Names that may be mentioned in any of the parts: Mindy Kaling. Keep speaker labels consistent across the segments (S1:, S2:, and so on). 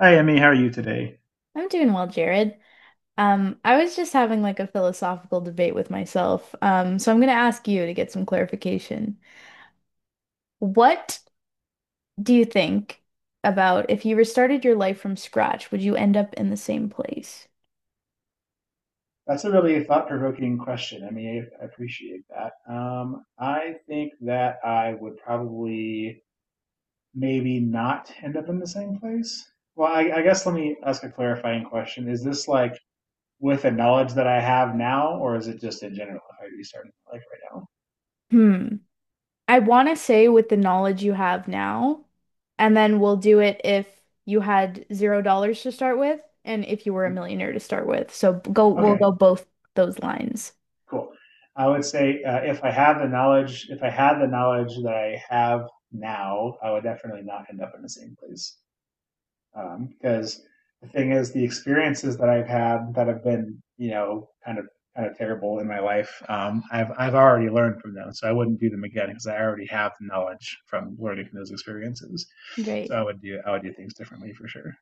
S1: Hi, Emmy. How are you today?
S2: I'm doing well, Jared. I was just having like a philosophical debate with myself. So I'm going to ask you to get some clarification. What do you think about if you restarted your life from scratch, would you end up in the same place?
S1: That's a really thought-provoking question. I mean, I appreciate that. I think that I would probably maybe not end up in the same place. Well, I guess let me ask a clarifying question. Is this like with the knowledge that I have now, or is it just in general if I restart my life right
S2: Hmm. I want to say with the knowledge you have now, and then we'll do it if you had $0 to start with and if you were a millionaire to start with. So go,
S1: now?
S2: we'll
S1: Okay,
S2: go both those lines.
S1: cool. I would say if I have the knowledge, if I had the knowledge that I have now, I would definitely not end up in the same place. Because the thing is, the experiences that I've had that have been, you know, kind of terrible in my life, I've already learned from them, so I wouldn't do them again because I already have the knowledge from learning from those experiences. So
S2: Right.
S1: I would do things differently for sure.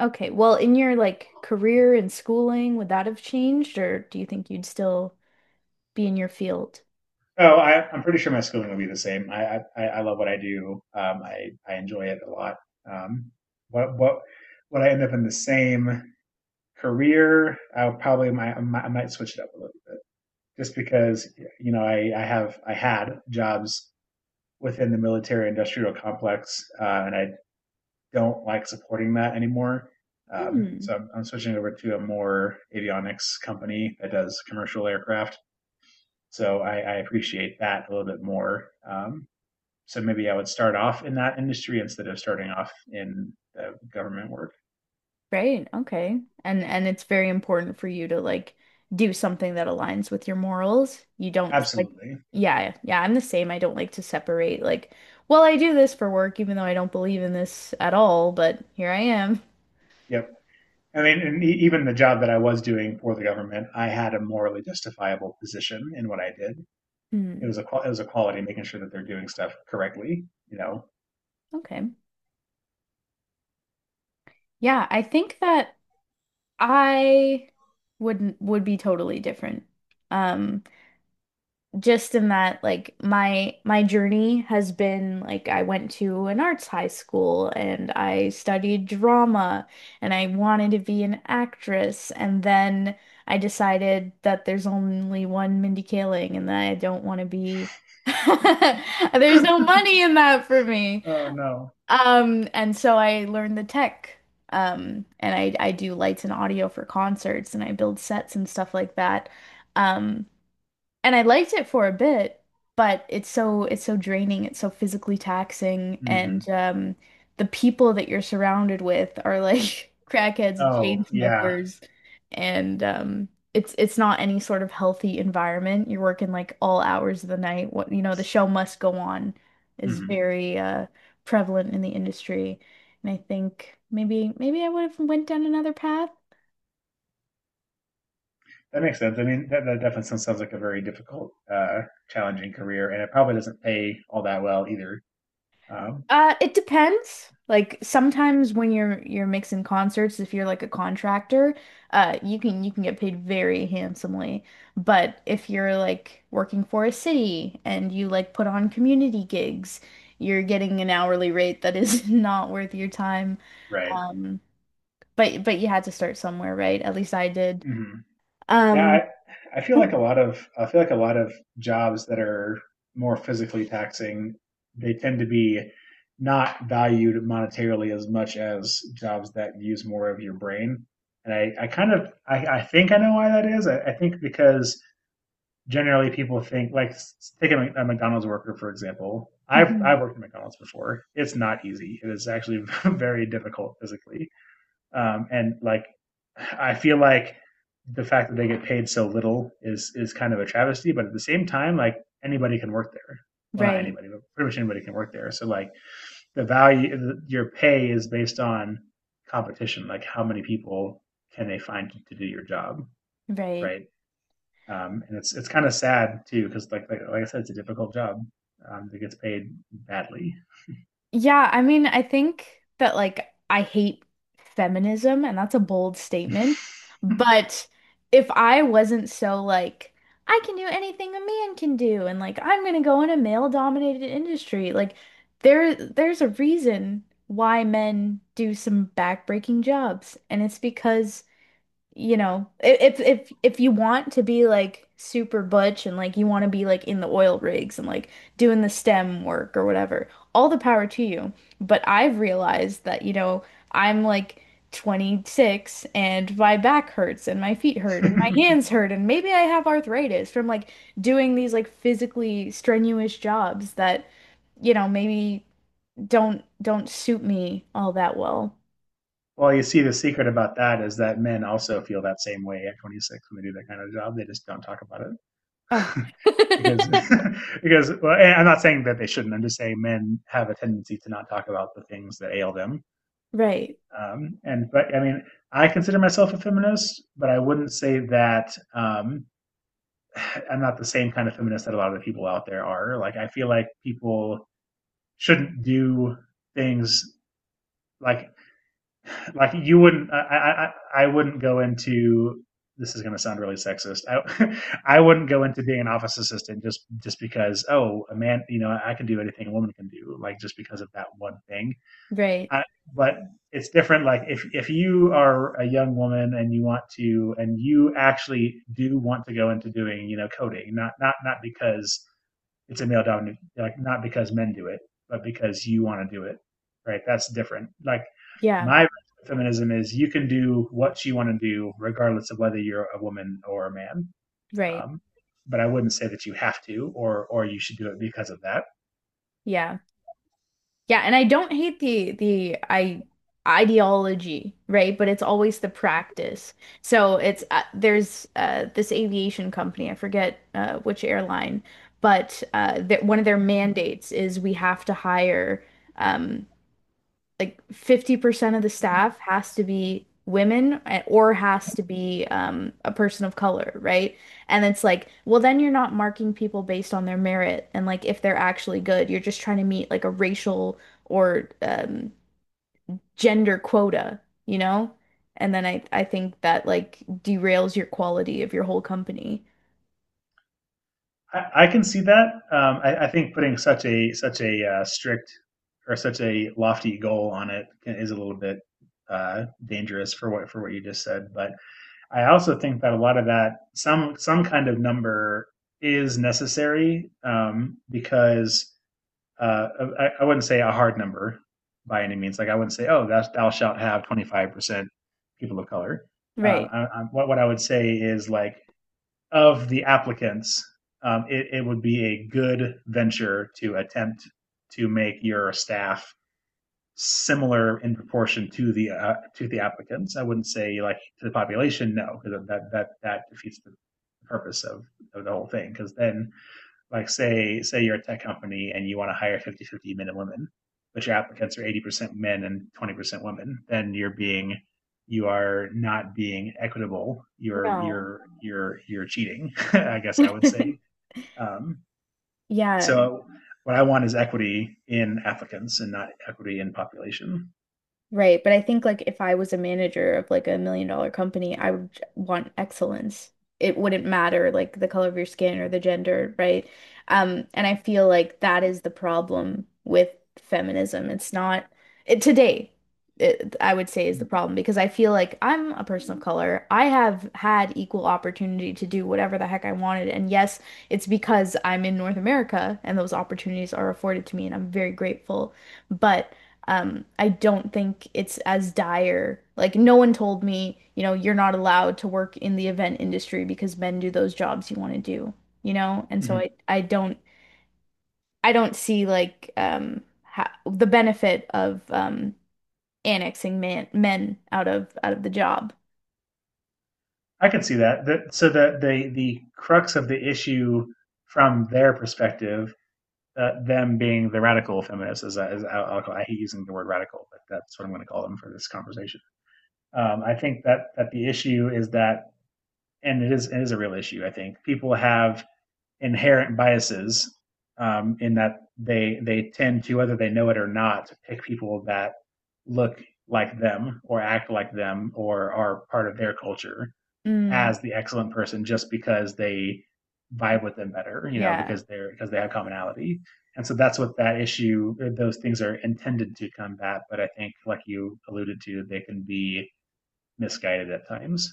S2: Okay. Well, in your like career and schooling, would that have changed, or do you think you'd still be in your field?
S1: Oh, I'm pretty sure my schooling will be the same. I love what I do. I enjoy it a lot. Um, what would I end up in the same? Career, I will probably might, I might switch it up a little bit just because you know I had jobs within the military industrial complex and I don't like supporting that anymore.
S2: Hmm.
S1: So I'm switching over to a more avionics company that does commercial aircraft. So I appreciate that a little bit more. So maybe I would start off in that industry instead of starting off in the government work.
S2: Great. Okay. And it's very important for you to like do something that aligns with your morals. You don't like
S1: Absolutely.
S2: yeah, yeah, I'm the same. I don't like to separate like, well, I do this for work even though I don't believe in this at all, but here I am.
S1: Yep. I mean, and even the job that I was doing for the government, I had a morally justifiable position in what I did.
S2: Hmm.
S1: It was a quality, making sure that they're doing stuff correctly. You know.
S2: Okay. Yeah, I think that I wouldn't would be totally different. Um just in that like my journey has been like I went to an arts high school and I studied drama and I wanted to be an actress, and then I decided that there's only one Mindy Kaling and that I don't want to be there's no money in that for me.
S1: Oh no.
S2: And so I learned the tech, and I do lights and audio for concerts and I build sets and stuff like that. Um and I liked it for a bit, but it's so draining, it's so physically taxing, and
S1: Hmm.
S2: the people that you're surrounded with are like crackheads and chain
S1: Oh yeah.
S2: smokers, and it's not any sort of healthy environment. You're working like all hours of the night. What you know, the show must go on is
S1: Hmm.
S2: very prevalent in the industry, and I think maybe I would have went down another path.
S1: That makes sense. I mean, that definitely sounds like a very difficult, challenging career, and it probably doesn't pay all that well either. Um,
S2: It depends. Like sometimes when you're mixing concerts, if you're like a contractor, you can get paid very handsomely. But if you're like working for a city and you like put on community gigs, you're getting an hourly rate that is not worth your time.
S1: right.
S2: Um, but you had to start somewhere, right? At least I did.
S1: Mm-hmm. Yeah,
S2: Um,
S1: I feel like a lot of jobs that are more physically taxing, they tend to be not valued monetarily as much as jobs that use more of your brain. And I kind of I think I know why that is. I think because generally people think like a McDonald's worker for example.
S2: Mhm.
S1: I've worked at McDonald's before. It's not easy. It is actually very difficult physically and like, I feel like the fact that they get paid so little is kind of a travesty. But at the same time, like anybody can work there. Well, not
S2: Right,
S1: anybody, but pretty much anybody can work there. So like the value, your pay is based on competition. Like how many people can they find to do your job,
S2: right.
S1: right? And it's kind of sad too because like, like I said, it's a difficult job that gets paid badly.
S2: Yeah, I mean, I think that like I hate feminism, and that's a bold statement. But if I wasn't so like, I can do anything a man can do, and like I'm gonna go in a male-dominated industry, like there's a reason why men do some backbreaking jobs, and it's because you know, if you want to be like super butch and like you want to be like in the oil rigs and like doing the STEM work or whatever, all the power to you. But I've realized that, you know, I'm like 26 and my back hurts and my feet hurt and my hands hurt and maybe I have arthritis from like doing these like physically strenuous jobs that, you know, maybe don't suit me all that well.
S1: Well, you see, the secret about that is that men also feel that same way at 26 when they do that kind of job. They just don't talk about it
S2: Ugh.
S1: because, because well, I'm not saying that they shouldn't. I'm just saying men have a tendency to not talk about the things that ail them.
S2: Right,
S1: And but I mean, I consider myself a feminist, but I wouldn't say that I'm not the same kind of feminist that a lot of the people out there are. Like, I feel like people shouldn't do things like like you wouldn't I wouldn't go into this is going to sound really sexist I I wouldn't go into being an office assistant just because oh a man you know I can do anything a woman can do like just because of that one thing.
S2: right.
S1: I, but it's different like if you are a young woman and you want to and you actually do want to go into doing you know coding not because it's a male dominated like not because men do it but because you want to do it right that's different like
S2: Yeah,
S1: my feminism is you can do what you want to do regardless of whether you're a woman or a man
S2: right.
S1: um, but I wouldn't say that you have to or you should do it because of that.
S2: Yeah. Yeah, and I don't hate the I ideology, right? But it's always the practice. So it's there's this aviation company, I forget which airline, but that one of their mandates is we have to hire um like 50% of the staff has to be women or has to be a person of color, right? And it's like, well, then you're not marking people based on their merit and like if they're actually good. You're just trying to meet like a racial or gender quota, you know? And then I think that like derails your quality of your whole company.
S1: I can see that I think putting such a strict or such a lofty goal on it is a little bit dangerous for what you just said but I also think that a lot of that some kind of number is necessary because uh, I wouldn't say a hard number by any means. Like I wouldn't say, oh, thou shalt have 25% people of color.
S2: Right.
S1: I, what I would say is like of the applicants, it would be a good venture to attempt to make your staff similar in proportion to the applicants. I wouldn't say like to the population, no, because that defeats the purpose of the whole thing. Because then, like say you're a tech company and you want to hire 50 50 men and women, but your applicants are 80% men and 20% women, then you are not being equitable.
S2: No.
S1: You're cheating. I guess I would say. Um,
S2: Yeah.
S1: so what I want is equity in applicants and not equity in population.
S2: Right, but I think like if I was a manager of like a million dollar company, I would want excellence. It wouldn't matter like the color of your skin or the gender, right? And I feel like that is the problem with feminism. It's not it, today, it, I would say is the problem because I feel like I'm a person of color. I have had equal opportunity to do whatever the heck I wanted. And yes, it's because I'm in North America and those opportunities are afforded to me, and I'm very grateful. But I don't think it's as dire. Like, no one told me, you know, you're not allowed to work in the event industry because men do those jobs you want to do, you know? And so
S1: Hmm.
S2: I don't, I don't see like ha the benefit of annexing man men out of the job.
S1: I can see that. So the, the crux of the issue from their perspective, them being the radical feminists, as, I'll call, I hate using the word radical, but that's what I'm going to call them for this conversation. I think that the issue is that, and it is a real issue. I think people have inherent biases in that they tend to, whether they know it or not, pick people that look like them or act like them or are part of their culture
S2: Mm,
S1: as the excellent person just because they vibe with them better, you know,
S2: yeah,
S1: because they have commonality. And so that's what that issue, those things are intended to combat. But I think, like you alluded to, they can be misguided at times.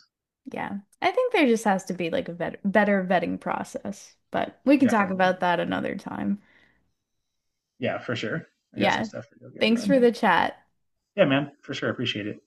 S2: yeah. I think there just has to be like a better vetting process, but we can talk
S1: Definitely.
S2: about that another time.
S1: Yeah, for sure. I got some
S2: Yeah.
S1: stuff to go get
S2: Thanks for
S1: doing.
S2: the chat.
S1: Yeah, man, for sure. Appreciate it.